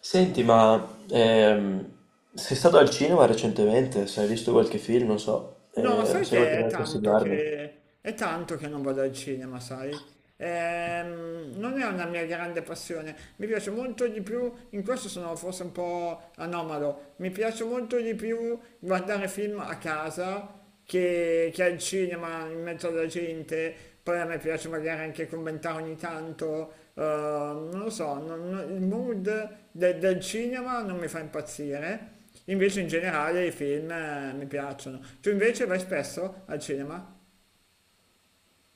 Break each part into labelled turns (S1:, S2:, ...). S1: Senti, ma sei stato al cinema recentemente? Se hai visto qualche film, non so,
S2: No, sai
S1: sai
S2: che è
S1: qualcosa da
S2: tanto
S1: consigliarmi?
S2: che, è tanto che non vado al cinema, sai? Non è una mia grande passione, mi piace molto di più, in questo sono forse un po' anomalo, mi piace molto di più guardare film a casa che è il cinema in mezzo alla gente, poi a me piace magari anche commentare ogni tanto, non lo so, il del cinema non mi fa impazzire, invece in generale i film mi piacciono. Tu invece vai spesso al cinema?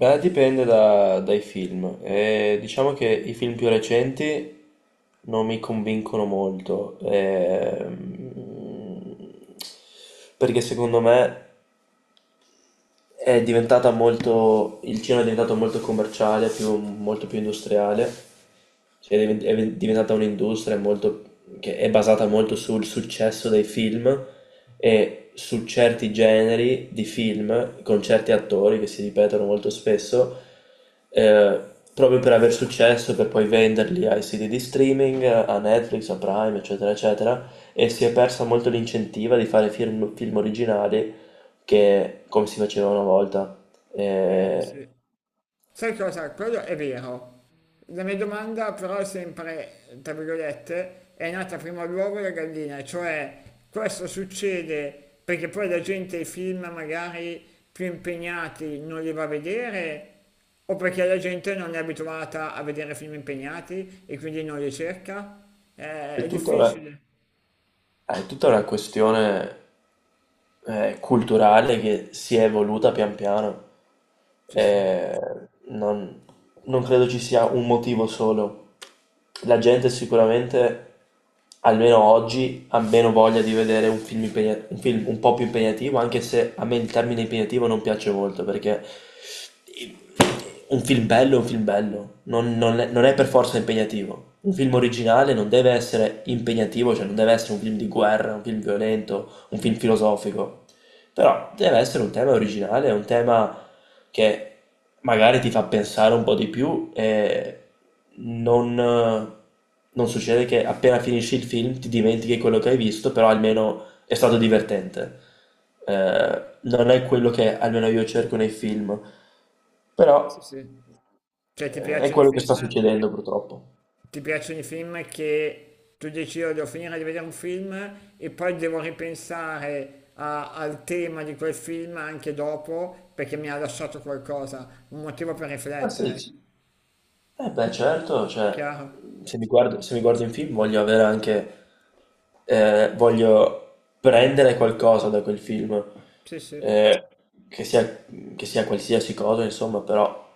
S1: Beh, dipende dai film. Diciamo che i film più recenti non mi convincono molto, perché secondo me è diventata molto, il cinema è diventato molto commerciale, molto più industriale. Cioè, è è diventata un'industria molto, che è basata molto sul successo dei film e su certi generi di film con certi attori che si ripetono molto spesso, eh, proprio per aver successo, per poi venderli ai siti di streaming, a Netflix, a Prime, eccetera, eccetera, e si è persa molto l'incentiva di fare film, film originali che come si faceva una volta.
S2: Eh
S1: Eh,
S2: sì. Sai cosa? Quello è vero. La mia domanda però è sempre, tra virgolette, è nata prima l'uovo e la gallina, cioè questo succede perché poi la gente i film magari più impegnati non li va a vedere o perché la gente non è abituata a vedere film impegnati e quindi non li cerca?
S1: è
S2: È
S1: tutta una,
S2: difficile.
S1: è tutta una questione, culturale che si è evoluta pian piano.
S2: Ci sta.
S1: Eh, non, non credo ci sia un motivo solo. La gente sicuramente, almeno oggi, ha meno voglia di vedere un film, un film un po' più impegnativo, anche se a me il termine impegnativo non piace molto perché un film bello è un film bello, non è, non è per forza impegnativo. Un film originale non deve essere impegnativo, cioè non deve essere un film di guerra, un film violento, un film filosofico. Però deve essere un tema originale, un tema che magari ti fa pensare un po' di più e non, non succede che appena finisci il film ti dimentichi quello che hai visto, però almeno è stato divertente. Non è quello che almeno io cerco nei film, però
S2: Sì, sì. Cioè ti
S1: è
S2: piacciono i
S1: quello che sta
S2: film?
S1: succedendo purtroppo.
S2: Ti piacciono i film che tu dici io devo finire di vedere un film e poi devo ripensare al tema di quel film anche dopo perché mi ha lasciato qualcosa, un motivo per
S1: Ma sì,
S2: riflettere,
S1: sì. Eh beh, certo, cioè,
S2: chiaro?
S1: se mi guardo in film voglio avere anche, voglio prendere qualcosa da quel film,
S2: Sì, sì.
S1: eh, che sia, che sia qualsiasi cosa, insomma, però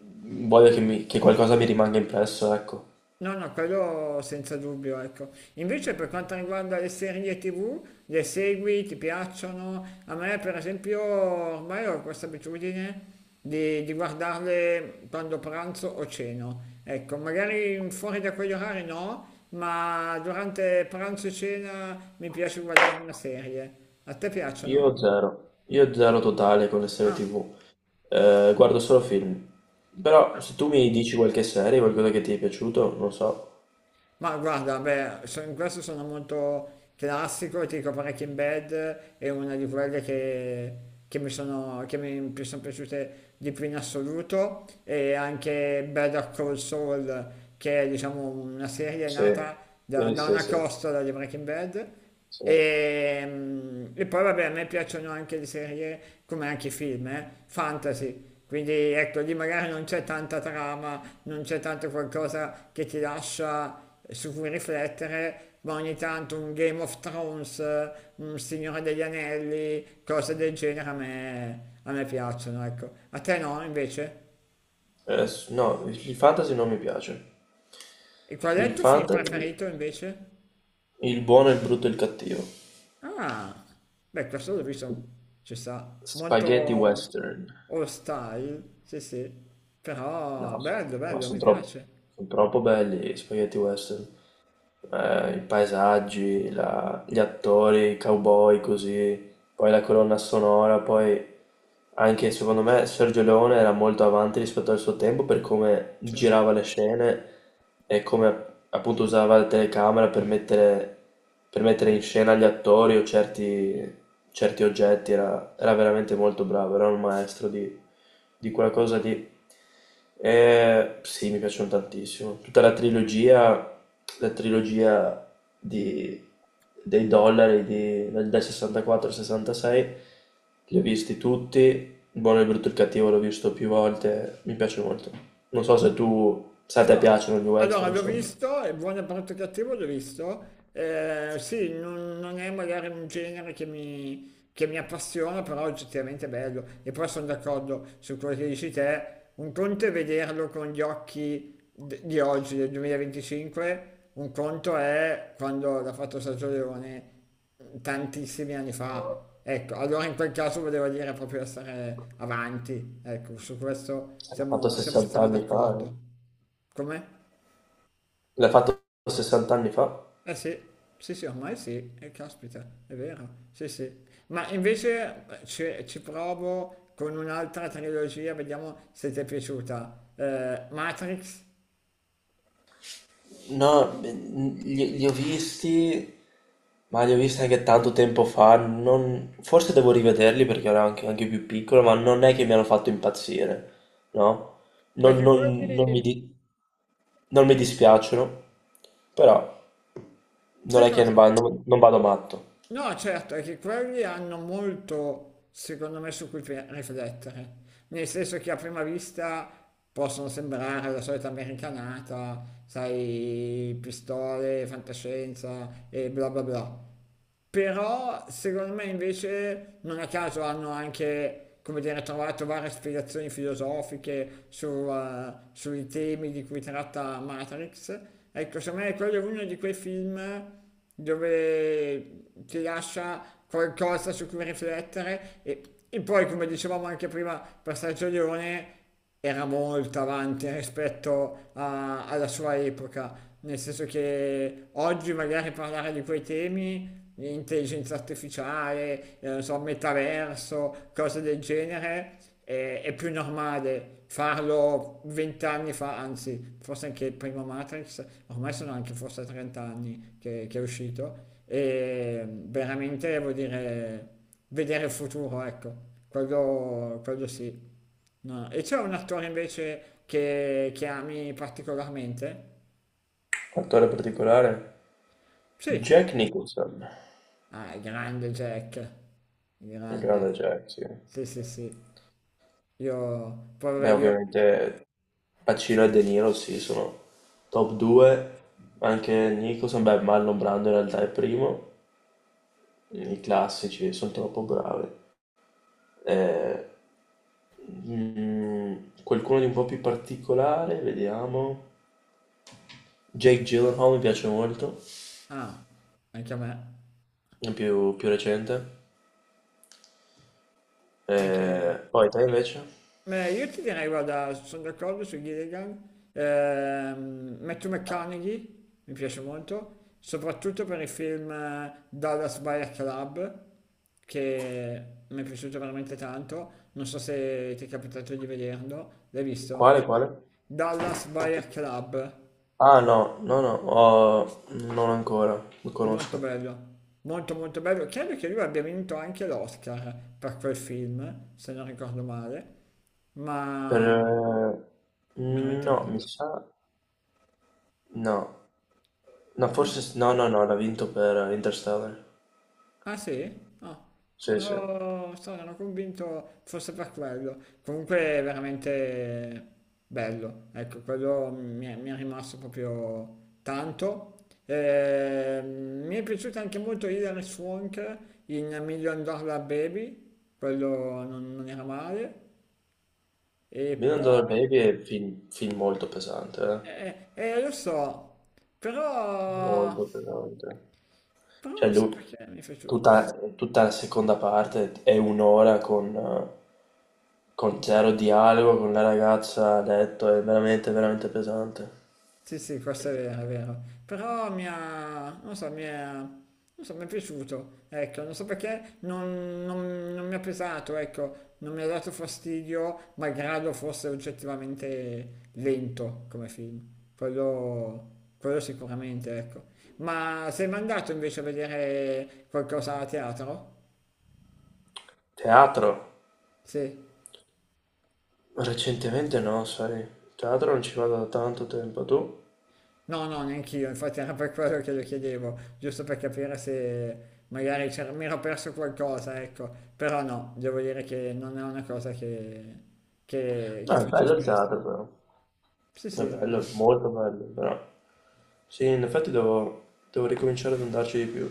S1: voglio che, che qualcosa mi rimanga impresso, ecco.
S2: No, no, quello senza dubbio, ecco. Invece per quanto riguarda le serie TV, le segui, ti piacciono? A me, per esempio, ormai ho questa abitudine di guardarle quando pranzo o ceno. Ecco, magari fuori da quegli orari no, ma durante pranzo e cena mi piace guardare una serie. A te piacciono?
S1: Io zero totale con le serie
S2: Ah.
S1: TV. Guardo solo film. Però se tu mi dici qualche serie, qualcosa che ti è piaciuto, non so.
S2: Ma guarda, beh, in questo sono molto classico, ti dico parecchi in bed, è una di quelle che sono piaciute di più in assoluto, e anche Better Call Saul, che è diciamo una serie
S1: Sì,
S2: nata da,
S1: sì,
S2: da
S1: sì,
S2: una
S1: sì,
S2: costola di Breaking Bad,
S1: sì.
S2: e poi vabbè, a me piacciono anche le serie, come anche i film, fantasy. Quindi ecco, lì magari non c'è tanta trama, non c'è tanto qualcosa che ti lascia su cui riflettere, ma ogni tanto un Game of Thrones, un Signore degli Anelli, cose del genere a me piacciono, ecco. A te no, invece?
S1: No, il fantasy non mi piace.
S2: E qual è
S1: Il
S2: il tuo film
S1: fantasy,
S2: preferito, invece?
S1: il buono, il brutto e il cattivo.
S2: Ah, beh, questo l'ho visto, ci sta, molto
S1: Spaghetti western.
S2: old style, sì sì, però
S1: No, s-
S2: bello,
S1: no,
S2: bello,
S1: sono
S2: mi
S1: troppo,
S2: piace.
S1: son troppo belli gli spaghetti western. Eh, i paesaggi, gli attori, i cowboy così, poi la colonna sonora, poi anche secondo me Sergio Leone era molto avanti rispetto al suo tempo per come
S2: Cioè,
S1: girava le scene e come appunto usava la telecamera per mettere in scena gli attori o certi oggetti, era veramente molto bravo, era un maestro di quella cosa lì. Sì, mi piacciono tantissimo. La trilogia di- dei dollari dal 64 al 66, li ho visti tutti. Il buono, il brutto e il cattivo l'ho visto più volte. Mi piace molto. Non so se tu, se a te piacciono gli
S2: allora,
S1: western,
S2: l'ho
S1: insomma.
S2: visto, è buono brutto cattivo, l'ho visto. Sì, non è magari un genere che mi appassiona, però oggettivamente è bello. E poi sono d'accordo su quello che dici te. Un conto è vederlo con gli occhi di oggi, del 2025, un conto è quando l'ha fatto Sergio Leone tantissimi anni fa. Ecco, allora in quel caso volevo dire proprio essere avanti. Ecco, su questo
S1: L'ha fatto
S2: siamo
S1: 60
S2: stra
S1: anni fa,
S2: d'accordo.
S1: eh.
S2: Come?
S1: L'ha fatto 60 anni fa.
S2: Eh sì, sì, sì, ormai sì, caspita, è vero, sì, sì. Ma invece ci provo con un'altra trilogia, vediamo se ti è piaciuta. Matrix,
S1: No, beh, li ho visti, ma li ho visti anche tanto tempo fa. Forse devo rivederli perché ero anche, anche più piccolo, ma non è che mi hanno fatto impazzire, no? Non,
S2: perché
S1: non- non mi,
S2: quelli...
S1: di- non mi dispiacciono, però non
S2: Sai
S1: è che
S2: cosa?
S1: non vado matto.
S2: No, certo, è che quelli hanno molto, secondo me, su cui riflettere. Nel senso che a prima vista possono sembrare la solita americanata, sai, pistole, fantascienza e bla bla bla. Però secondo me invece non a caso hanno anche, come dire, trovato varie spiegazioni filosofiche su, sui temi di cui tratta Matrix. Ecco, secondo me quello è uno di quei film dove ti lascia qualcosa su cui riflettere e poi, come dicevamo anche prima per Sergio Leone, era molto avanti rispetto alla sua epoca, nel senso che oggi magari parlare di quei temi intelligenza artificiale, non so, metaverso, cose del genere, è più normale farlo vent'anni fa, anzi, forse anche il primo Matrix, ormai sono anche forse 30 anni che è uscito, e veramente vuol dire vedere il futuro, ecco, quello sì. No. E c'è un attore invece che ami particolarmente?
S1: Attore particolare?
S2: Sì,
S1: Jack Nicholson,
S2: ah, il grande Jack, il
S1: il
S2: grande,
S1: grande Jack, sì.
S2: sì, sì, sì. Io, poi vabbè,
S1: Beh,
S2: io,
S1: ovviamente Pacino e De Niro sì, sono top 2, anche Nicholson, beh Marlon Brando in realtà è primo, i classici sono troppo bravi. Eh, mm, qualcuno di un po' più particolare, vediamo. Jake Gyllenhaal mi piace molto,
S2: ah, anche a me,
S1: è più, più recente.
S2: anche,
S1: Poi te invece?
S2: beh, io ti direi, guarda, sono d'accordo su Gilligan, Matthew McConaughey, mi piace molto, soprattutto per il film Dallas Buyer Club, che mi è piaciuto veramente tanto, non so se ti è capitato di vederlo, l'hai visto?
S1: Quale, quale?
S2: Dallas Buyer Club.
S1: Ah no, no, no, non ancora, lo
S2: È molto
S1: conosco.
S2: bello, molto molto bello. Credo che lui abbia vinto anche l'Oscar per quel film, se non ricordo male,
S1: Per...
S2: ma veramente
S1: no, mi
S2: bello.
S1: sa... no, no,
S2: No.
S1: forse... no, no, no, l'ha vinto per Interstellar.
S2: Ah sì? Ah,
S1: Sì, sì.
S2: ero convinto fosse per quello. Comunque è veramente bello, ecco, quello mi è rimasto proprio tanto. Mi è piaciuto anche molto Hilary Swank in Million Dollar Baby, quello non era male. E
S1: Million Dollar
S2: poi...
S1: Baby è un film, film molto pesante, eh.
S2: Lo so, però...
S1: Molto pesante.
S2: Però
S1: Cioè,
S2: non so
S1: lui,
S2: perché mi è piaciuto.
S1: tutta la seconda parte è un'ora con zero dialogo, con la ragazza a letto, è veramente pesante.
S2: Sì, sì, questo è vero, è vero. Però mi ha... non so, mi è... non so, mi è piaciuto. Ecco, non so perché non mi ha pesato, ecco. Non mi ha dato fastidio, malgrado fosse oggettivamente lento come film. Quello sicuramente, ecco. Ma sei mai andato invece a vedere qualcosa a teatro?
S1: Teatro?
S2: Sì.
S1: Recentemente no, sai. Teatro non ci vado da tanto tempo, tu?
S2: No, no, neanch'io, infatti era per quello che lo chiedevo, giusto per capire se magari mi ero perso qualcosa, ecco, però no, devo dire che non è una cosa
S1: No,
S2: che
S1: è
S2: faccio
S1: bello il
S2: spesso.
S1: teatro, però.
S2: Sì,
S1: È
S2: sì, è
S1: bello,
S2: vero.
S1: molto bello, però sì, in effetti devo, devo ricominciare ad andarci di più.